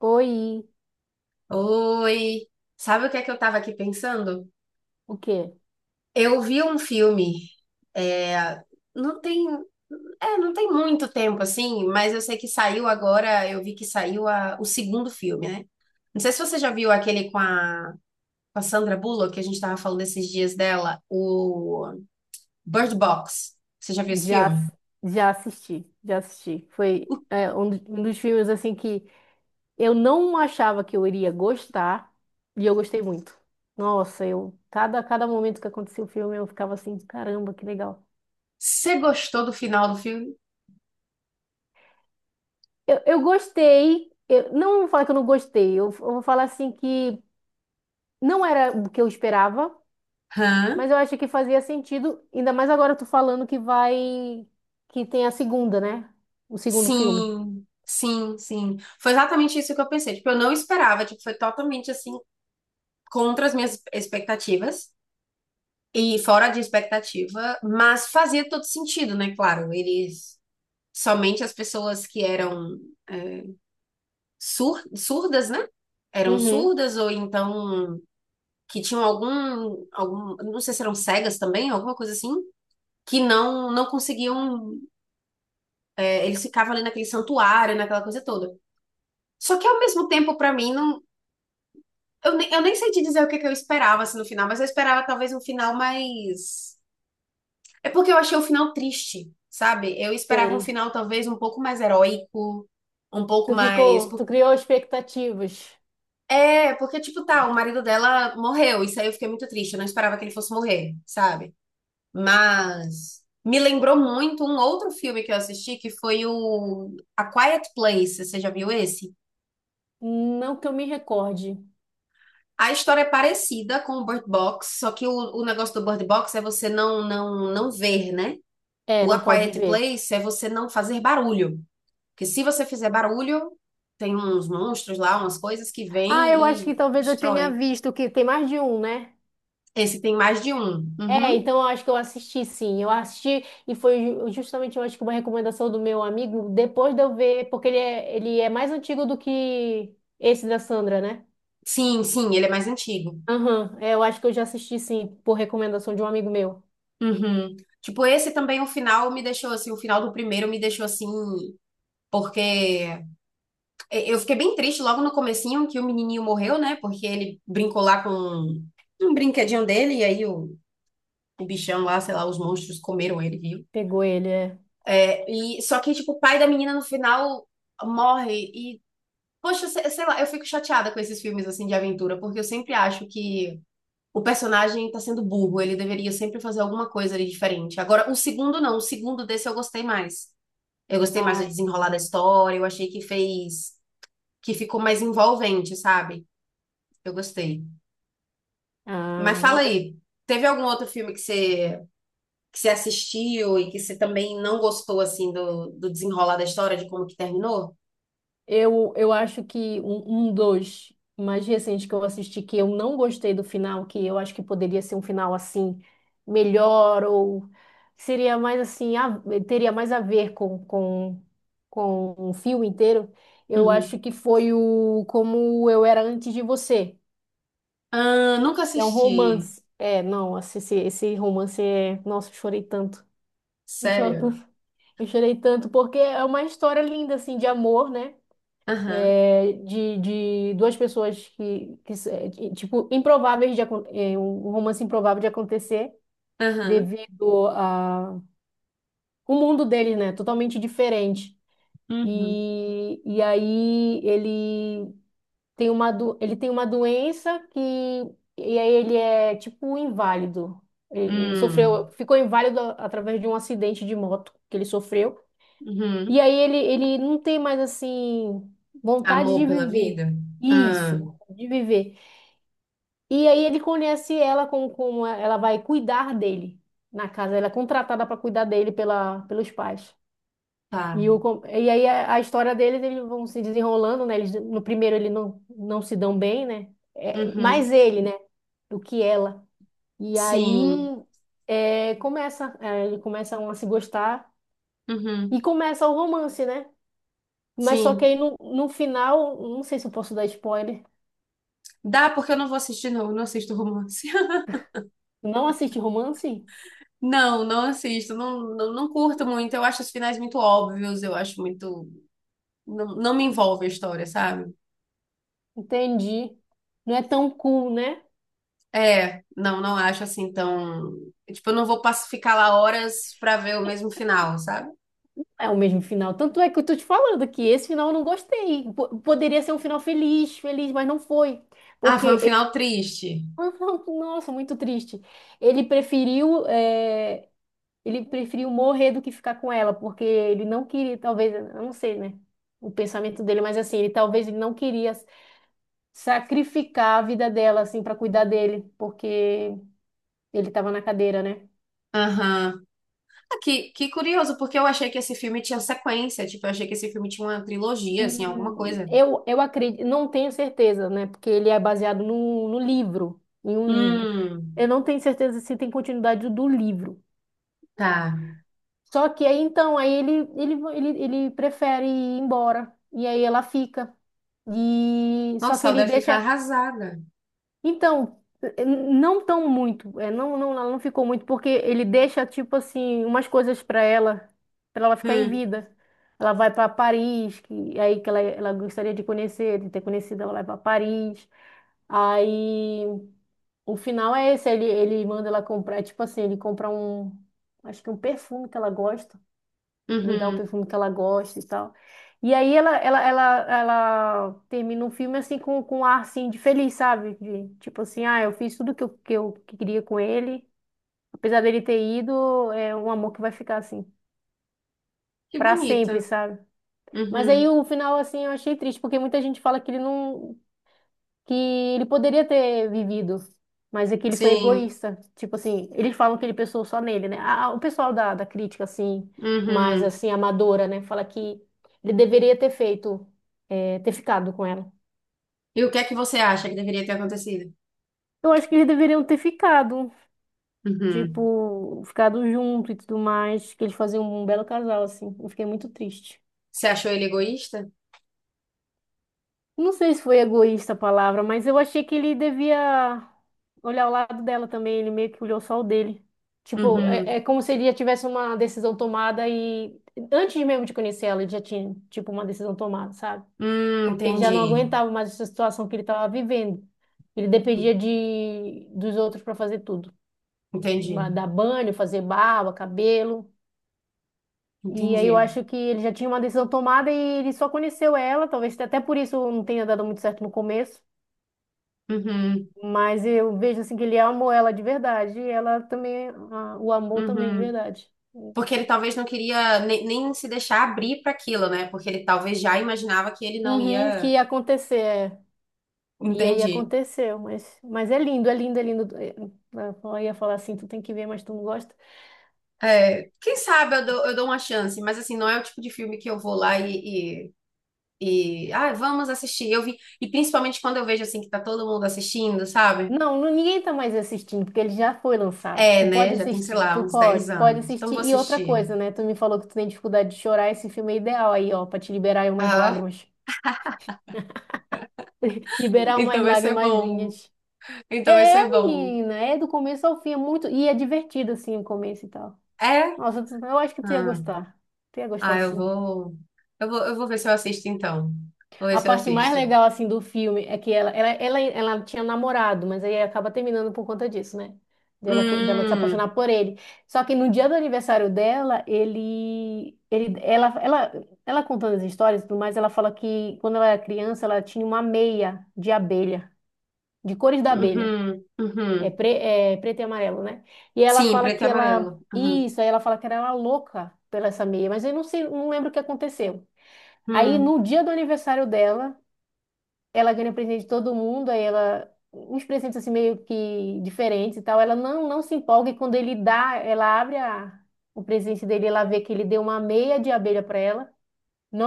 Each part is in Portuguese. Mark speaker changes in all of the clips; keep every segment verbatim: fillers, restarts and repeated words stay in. Speaker 1: Oi,
Speaker 2: Oi, sabe o que é que eu tava aqui pensando?
Speaker 1: o quê?
Speaker 2: Eu vi um filme, é, não tem, é, não tem muito tempo assim, mas eu sei que saiu agora, eu vi que saiu a- o segundo filme, né? Não sei se você já viu aquele com a, com a Sandra Bullock, que a gente tava falando esses dias dela, o Bird Box. Você já viu esse
Speaker 1: Já,
Speaker 2: filme?
Speaker 1: ass- já assisti, já assisti. Foi é, um, do- um dos filmes assim que eu não achava que eu iria gostar e eu gostei muito. Nossa, eu cada cada momento que acontecia o filme eu ficava assim, caramba, que legal.
Speaker 2: Você gostou do final do filme?
Speaker 1: Eu, eu gostei. Eu não vou falar que eu não gostei. Eu, eu vou falar assim que não era o que eu esperava,
Speaker 2: Hã?
Speaker 1: mas eu acho que fazia sentido. Ainda mais agora tu falando que vai que tem a segunda, né? O segundo filme.
Speaker 2: Sim, sim, sim. Foi exatamente isso que eu pensei. Tipo, eu não esperava, tipo, foi totalmente assim contra as minhas expectativas e fora de expectativa, mas fazia todo sentido, né? Claro, eles somente as pessoas que eram é, sur- surdas, né? Eram
Speaker 1: Uhum.
Speaker 2: surdas ou então que tinham algum, algum, não sei se eram cegas também, alguma coisa assim, que não não conseguiam, é, eles ficavam ali naquele santuário, naquela coisa toda. Só que ao mesmo tempo, pra mim, não, eu, nem, eu nem sei te dizer o que que eu esperava assim, no final, mas eu esperava talvez um final mais. É porque eu achei o final triste, sabe? Eu esperava um
Speaker 1: Sei.
Speaker 2: final talvez um pouco mais heróico, um pouco
Speaker 1: Tu
Speaker 2: mais.
Speaker 1: ficou,
Speaker 2: por-
Speaker 1: tu criou expectativas.
Speaker 2: É, porque, tipo, tá, o marido dela morreu, isso aí eu fiquei muito triste, eu não esperava que ele fosse morrer, sabe? Mas me lembrou muito um outro filme que eu assisti, que foi o A Quiet Place, você já viu esse?
Speaker 1: Não que eu me recorde.
Speaker 2: A história é parecida com o Bird Box, só que o, o negócio do Bird Box é você não, não, não ver, né?
Speaker 1: É,
Speaker 2: O
Speaker 1: não
Speaker 2: A
Speaker 1: pode
Speaker 2: Quiet
Speaker 1: ver.
Speaker 2: Place é você não fazer barulho. Porque se você fizer barulho, tem uns monstros lá, umas coisas que
Speaker 1: Ah, eu acho
Speaker 2: vêm e
Speaker 1: que talvez eu tenha
Speaker 2: destroem.
Speaker 1: visto que tem mais de um, né?
Speaker 2: Esse tem mais de um.
Speaker 1: É,
Speaker 2: Uhum.
Speaker 1: então eu acho que eu assisti sim. Eu assisti e foi ju- justamente, eu acho que uma recomendação do meu amigo, depois de eu ver, porque ele é, ele é mais antigo do que esse da Sandra, né?
Speaker 2: Sim, sim, ele é mais antigo.
Speaker 1: Aham, é, eu acho que eu já assisti sim, por recomendação de um amigo meu.
Speaker 2: Uhum. Tipo, esse também, o final me deixou assim, o final do primeiro me deixou assim, porque eu fiquei bem triste logo no comecinho que o menininho morreu, né? Porque ele brincou lá com um brinquedinho dele e aí o, o bichão lá, sei lá, os monstros comeram ele, viu?
Speaker 1: Pegou ele, é.
Speaker 2: É, e só que tipo, o pai da menina no final morre. Poxa, sei, sei lá, eu fico chateada com esses filmes assim de aventura, porque eu sempre acho que o personagem tá sendo burro, ele deveria sempre fazer alguma coisa ali diferente. Agora, o segundo não, o segundo desse eu gostei mais. Eu gostei mais do
Speaker 1: Ai,
Speaker 2: desenrolar da história, eu achei que fez, que ficou mais envolvente, sabe? Eu gostei. Mas
Speaker 1: ah,
Speaker 2: fala aí, teve algum outro filme que você que você assistiu e que você também não gostou assim do, do desenrolar da história, de como que terminou?
Speaker 1: Eu, eu acho que um, um dos mais recentes que eu assisti que eu não gostei do final, que eu acho que poderia ser um final assim, melhor, ou seria mais assim, a- teria mais a ver com, com, com um filme inteiro, eu
Speaker 2: Uhum.
Speaker 1: acho que foi o Como Eu Era Antes de Você.
Speaker 2: Ah, nunca
Speaker 1: É um
Speaker 2: assisti.
Speaker 1: romance. É, não, esse, esse esse romance é. Nossa, eu chorei tanto. Eu choro
Speaker 2: Sério?
Speaker 1: tanto. Eu chorei tanto porque é uma história linda, assim, de amor, né?
Speaker 2: Aham,
Speaker 1: É, de, de duas pessoas que, que s- é, de- tipo, improváveis de, acon- é, um um romance improvável de acontecer
Speaker 2: aham.
Speaker 1: devido a o mundo deles, né? Totalmente diferente.
Speaker 2: Uhum.
Speaker 1: E, e aí ele tem uma, do- ele tem uma doença que e aí ele é tipo inválido. Ele, ele sofreu,
Speaker 2: Hum.
Speaker 1: ficou inválido a- através de um acidente de moto que ele sofreu.
Speaker 2: Uhum.
Speaker 1: E aí ele, ele não tem mais assim vontade
Speaker 2: Amor
Speaker 1: de
Speaker 2: pela
Speaker 1: viver.
Speaker 2: vida? Ah,
Speaker 1: Isso, vontade de viver. E aí ele conhece ela como, como ela vai cuidar dele na casa. Ela é contratada para cuidar dele pela, pelos pais.
Speaker 2: tá.
Speaker 1: E, o, com- e aí a, a história deles, eles vão se desenrolando, né? Eles, no primeiro ele não, não se dão bem, né? É, mais
Speaker 2: Uhum.
Speaker 1: ele, né? Do que ela. E
Speaker 2: Sim.
Speaker 1: aí é, começa, é, ele começam a se gostar e
Speaker 2: Uhum.
Speaker 1: começa o romance, né? Mas só
Speaker 2: Sim.
Speaker 1: que aí no, no final, não sei se eu posso dar spoiler.
Speaker 2: Dá porque eu não vou assistir, não. Eu não assisto romance.
Speaker 1: Não assiste romance?
Speaker 2: Não, não assisto. Não, não, não curto muito. Eu acho os finais muito óbvios. Eu acho muito. Não, não me envolve a história, sabe?
Speaker 1: Entendi. Não é tão cool, né?
Speaker 2: É. Não, não acho assim tão. Tipo, eu não vou pass- ficar lá horas pra ver o mesmo final, sabe?
Speaker 1: É o mesmo final. Tanto é que eu tô te falando que esse final eu não gostei. Po- poderia ser um final feliz, feliz, mas não foi.
Speaker 2: Ah,
Speaker 1: Porque,
Speaker 2: foi um final
Speaker 1: ele-
Speaker 2: triste.
Speaker 1: nossa, muito triste. Ele preferiu, é, ele preferiu morrer do que ficar com ela, porque ele não queria, talvez, eu não sei, né? O pensamento dele, mas assim, ele talvez ele não queria sacrificar a vida dela, assim, para cuidar dele, porque ele estava na cadeira, né?
Speaker 2: Aham. Ah, Que, que curioso, porque eu achei que esse filme tinha sequência, tipo, eu achei que esse filme tinha uma trilogia, assim, alguma
Speaker 1: Hum,
Speaker 2: coisa.
Speaker 1: eu, eu acredito, não tenho certeza, né? Porque ele é baseado no, no livro, em um livro. Eu
Speaker 2: Hum,
Speaker 1: não tenho certeza se tem continuidade do livro.
Speaker 2: tá.
Speaker 1: Só que aí, então, aí ele, ele, ele, ele prefere ir embora, e aí ela fica. E só
Speaker 2: Nossa,
Speaker 1: que
Speaker 2: ela
Speaker 1: ele
Speaker 2: deve ficar
Speaker 1: deixa.
Speaker 2: arrasada.
Speaker 1: Então, eh, não tão muito, é, não, não, ela não ficou muito, porque ele deixa, tipo assim, umas coisas para ela, para ela ficar em
Speaker 2: Hum,
Speaker 1: vida. Ela vai para Paris, que aí que ela, ela gostaria de conhecer, de ter conhecido, ela vai para Paris. Aí o final é esse, ele, ele manda ela comprar, tipo assim, ele compra um, acho que um perfume que ela gosta lhe dá o
Speaker 2: uhum.
Speaker 1: perfume que ela gosta e tal. E aí ela, ela, ela, ela termina um filme assim com, com um ar assim de feliz, sabe? De, tipo assim, ah, eu fiz tudo que eu, que eu queria com ele. Apesar dele ter ido, é um amor que vai ficar assim,
Speaker 2: Que
Speaker 1: pra
Speaker 2: bonita.
Speaker 1: sempre, sabe? Mas aí
Speaker 2: Uhum.
Speaker 1: o final, assim, eu achei triste, porque muita gente fala que ele não que ele poderia ter vivido, mas é que ele foi
Speaker 2: Sim.
Speaker 1: egoísta. Tipo assim, eles falam que ele pensou só nele, né? Ah, o pessoal da, da crítica, assim, mais
Speaker 2: Uhum.
Speaker 1: assim, amadora, né? Fala que ele deveria ter feito, eh, ter ficado com ela.
Speaker 2: E o que é que você acha que deveria ter acontecido?
Speaker 1: Eu acho que eles deveriam ter ficado,
Speaker 2: Uhum.
Speaker 1: tipo, ficado junto e tudo mais, que eles faziam um belo casal, assim. Eu fiquei muito triste.
Speaker 2: Você achou ele egoísta?
Speaker 1: Não sei se foi egoísta a palavra, mas eu achei que ele devia olhar o lado dela também. Ele meio que olhou só o dele. Tipo, é,
Speaker 2: Uhum.
Speaker 1: é como se ele já tivesse uma decisão tomada e antes mesmo de conhecer ela, ele já tinha, tipo, uma decisão tomada, sabe?
Speaker 2: Hum,
Speaker 1: Ele já não
Speaker 2: entendi.
Speaker 1: aguentava mais essa situação que ele estava vivendo. Ele dependia de dos outros para fazer tudo.
Speaker 2: Entendi.
Speaker 1: Ma- dar banho, fazer barba, cabelo. E aí eu
Speaker 2: Entendi.
Speaker 1: acho que ele já tinha uma decisão tomada e ele só conheceu ela, talvez até por isso não tenha dado muito certo no começo.
Speaker 2: Uhum.
Speaker 1: Mas eu vejo assim que ele amou ela de verdade e ela também, ah, o amor também de
Speaker 2: Uhum.
Speaker 1: verdade.
Speaker 2: Porque ele talvez não queria ne- nem se deixar abrir para aquilo, né? Porque ele talvez já imaginava que ele não
Speaker 1: Uhum, que
Speaker 2: ia.
Speaker 1: ia acontecer, é. E aí
Speaker 2: Entendi.
Speaker 1: aconteceu, mas, mas é lindo, é lindo, é lindo. É, é, Eu ia falar assim, tu tem que ver, mas tu não gosta.
Speaker 2: É, quem sabe eu dou, eu dou uma chance, mas assim, não é o tipo de filme que eu vou lá e, e, e, ah, vamos assistir. Eu vi, e principalmente quando eu vejo assim que tá todo mundo assistindo, sabe?
Speaker 1: Não, não- ninguém tá mais assistindo, porque ele já foi lançado.
Speaker 2: É,
Speaker 1: Tu
Speaker 2: né?
Speaker 1: pode
Speaker 2: Já tem, sei
Speaker 1: assistir,
Speaker 2: lá,
Speaker 1: tu
Speaker 2: uns
Speaker 1: pode,
Speaker 2: dez
Speaker 1: pode
Speaker 2: anos. Então
Speaker 1: assistir.
Speaker 2: vou
Speaker 1: E outra
Speaker 2: assistir.
Speaker 1: coisa, né? Tu me falou que tu tem dificuldade de chorar, esse filme é ideal aí, ó, pra te liberar aí umas
Speaker 2: Ah,
Speaker 1: lágrimas. Liberar
Speaker 2: então
Speaker 1: umas
Speaker 2: vai ser bom.
Speaker 1: lágrimazinhas.
Speaker 2: Então vai ser
Speaker 1: É,
Speaker 2: bom.
Speaker 1: menina, é do começo ao fim, é muito. E é divertido, assim, o começo e tal.
Speaker 2: É?
Speaker 1: Nossa, tu- eu acho que tu ia
Speaker 2: Ah,
Speaker 1: gostar. Tu ia gostar,
Speaker 2: ah, eu
Speaker 1: sim.
Speaker 2: vou, eu vou, eu vou ver se eu assisto então. Vou ver
Speaker 1: A
Speaker 2: se eu
Speaker 1: parte mais
Speaker 2: assisto.
Speaker 1: legal, assim, do filme é que ela, ela, ela, ela tinha namorado, mas aí acaba terminando por conta disso, né? Dela, co- dela se
Speaker 2: Hum,
Speaker 1: apaixonar por ele. Só que no dia do aniversário dela, ele, ele, ela, ela, ela contando as histórias e tudo mais, ela fala que quando ela era criança, ela tinha uma meia de abelha, de cores da abelha.
Speaker 2: uhum,
Speaker 1: É,
Speaker 2: uhum.
Speaker 1: pre- é preto e amarelo, né? E ela
Speaker 2: Sim,
Speaker 1: fala
Speaker 2: preto e
Speaker 1: que ela.
Speaker 2: amarelo. Uhum,
Speaker 1: Isso, aí ela fala que era ela louca pela essa meia, mas eu não sei, não lembro o que aconteceu. Aí
Speaker 2: uhum.
Speaker 1: no dia do aniversário dela, ela ganha presente de todo mundo, aí ela. Uns presentes assim meio que diferentes e tal. Ela não, não se empolga e quando ele dá, ela abre a- o presente dele, ela vê que ele deu uma meia de abelha para ela.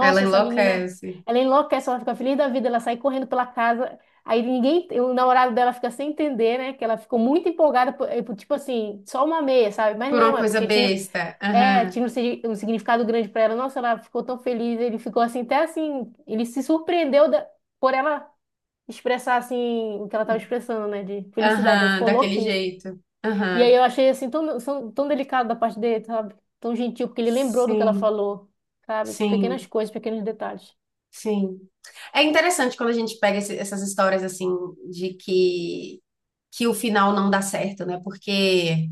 Speaker 2: Ela
Speaker 1: essa menina,
Speaker 2: enlouquece
Speaker 1: ela enlouquece, ela fica feliz da vida, ela sai correndo pela casa. Aí ninguém, o namorado dela fica sem entender, né? Que ela ficou muito empolgada, por, eh, por, tipo assim, só uma meia, sabe? Mas
Speaker 2: por uma
Speaker 1: não, é
Speaker 2: coisa
Speaker 1: porque tinha,
Speaker 2: besta.
Speaker 1: é,
Speaker 2: Aham,
Speaker 1: tinha um, sig- um significado grande pra ela. Nossa, ela ficou tão feliz, ele ficou assim, até assim, ele se surpreendeu da- por ela expressar assim o que ela tava expressando, né? De felicidade, ela
Speaker 2: aham,
Speaker 1: ficou
Speaker 2: daquele
Speaker 1: louquinha.
Speaker 2: jeito.
Speaker 1: E aí
Speaker 2: Aham.
Speaker 1: eu achei assim tão, são- tão delicado da parte dele, sabe? Tão gentil, porque ele lembrou do que ela
Speaker 2: Sim,
Speaker 1: falou, sabe? Pequenas
Speaker 2: sim,
Speaker 1: coisas, pequenos detalhes.
Speaker 2: sim. É interessante quando a gente pega esse- essas histórias assim de que que o final não dá certo, né? Porque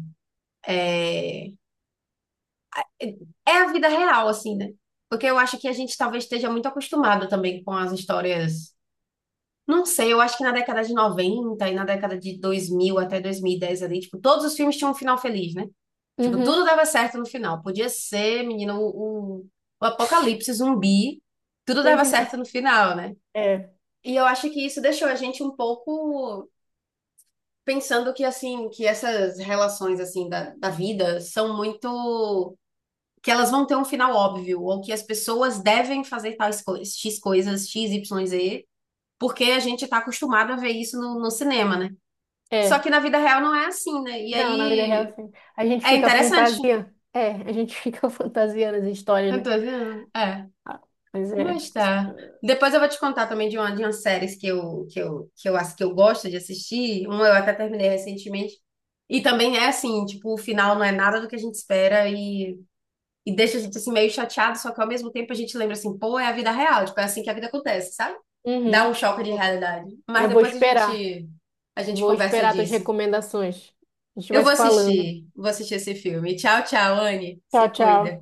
Speaker 2: é, é é a vida real, assim, né? Porque eu acho que a gente talvez esteja muito acostumado também com as histórias. Não sei, eu acho que na década de noventa e na década de dois mil até dois mil e dez ali, tipo, todos os filmes tinham um final feliz, né? Tipo, tudo
Speaker 1: Uhum.
Speaker 2: dava certo no final. Podia ser, menina, o, o, o apocalipse zumbi, tudo dava
Speaker 1: Sempre
Speaker 2: certo
Speaker 1: isso.
Speaker 2: no final, né?
Speaker 1: É,
Speaker 2: E eu acho que isso deixou a gente um pouco pensando que, assim, que essas relações, assim, da, da vida são muito... que elas vão ter um final óbvio, ou que as pessoas devem fazer tais coisas, X coisas, X Y Z, porque a gente tá acostumado a ver isso no no cinema, né? Só
Speaker 1: é.
Speaker 2: que na vida real não é assim, né? E
Speaker 1: Não, na vida real,
Speaker 2: aí
Speaker 1: assim. A gente
Speaker 2: é
Speaker 1: fica
Speaker 2: interessante.
Speaker 1: fantasia. É, a gente fica fantasiando as histórias,
Speaker 2: Eu tô
Speaker 1: né?
Speaker 2: dizendo, é,
Speaker 1: Mas é.
Speaker 2: mas tá. Depois eu vou te contar também de uma, de umas séries que eu, que eu, que eu acho que eu gosto de assistir. Uma eu até terminei recentemente. E também é assim, tipo, o final não é nada do que a gente espera e, e deixa a gente assim meio chateado, só que ao mesmo tempo a gente lembra assim, pô, é a vida real, tipo, é assim que a vida acontece, sabe? Dá
Speaker 1: Uhum.
Speaker 2: um choque de realidade. Mas
Speaker 1: Eu vou
Speaker 2: depois a
Speaker 1: esperar.
Speaker 2: gente a gente
Speaker 1: Vou
Speaker 2: conversa
Speaker 1: esperar tuas
Speaker 2: disso.
Speaker 1: recomendações. A gente
Speaker 2: Eu
Speaker 1: vai
Speaker 2: vou
Speaker 1: se falando.
Speaker 2: assistir, vou assistir esse filme. Tchau, tchau, Anne. Se
Speaker 1: Tchau, tchau.
Speaker 2: cuida.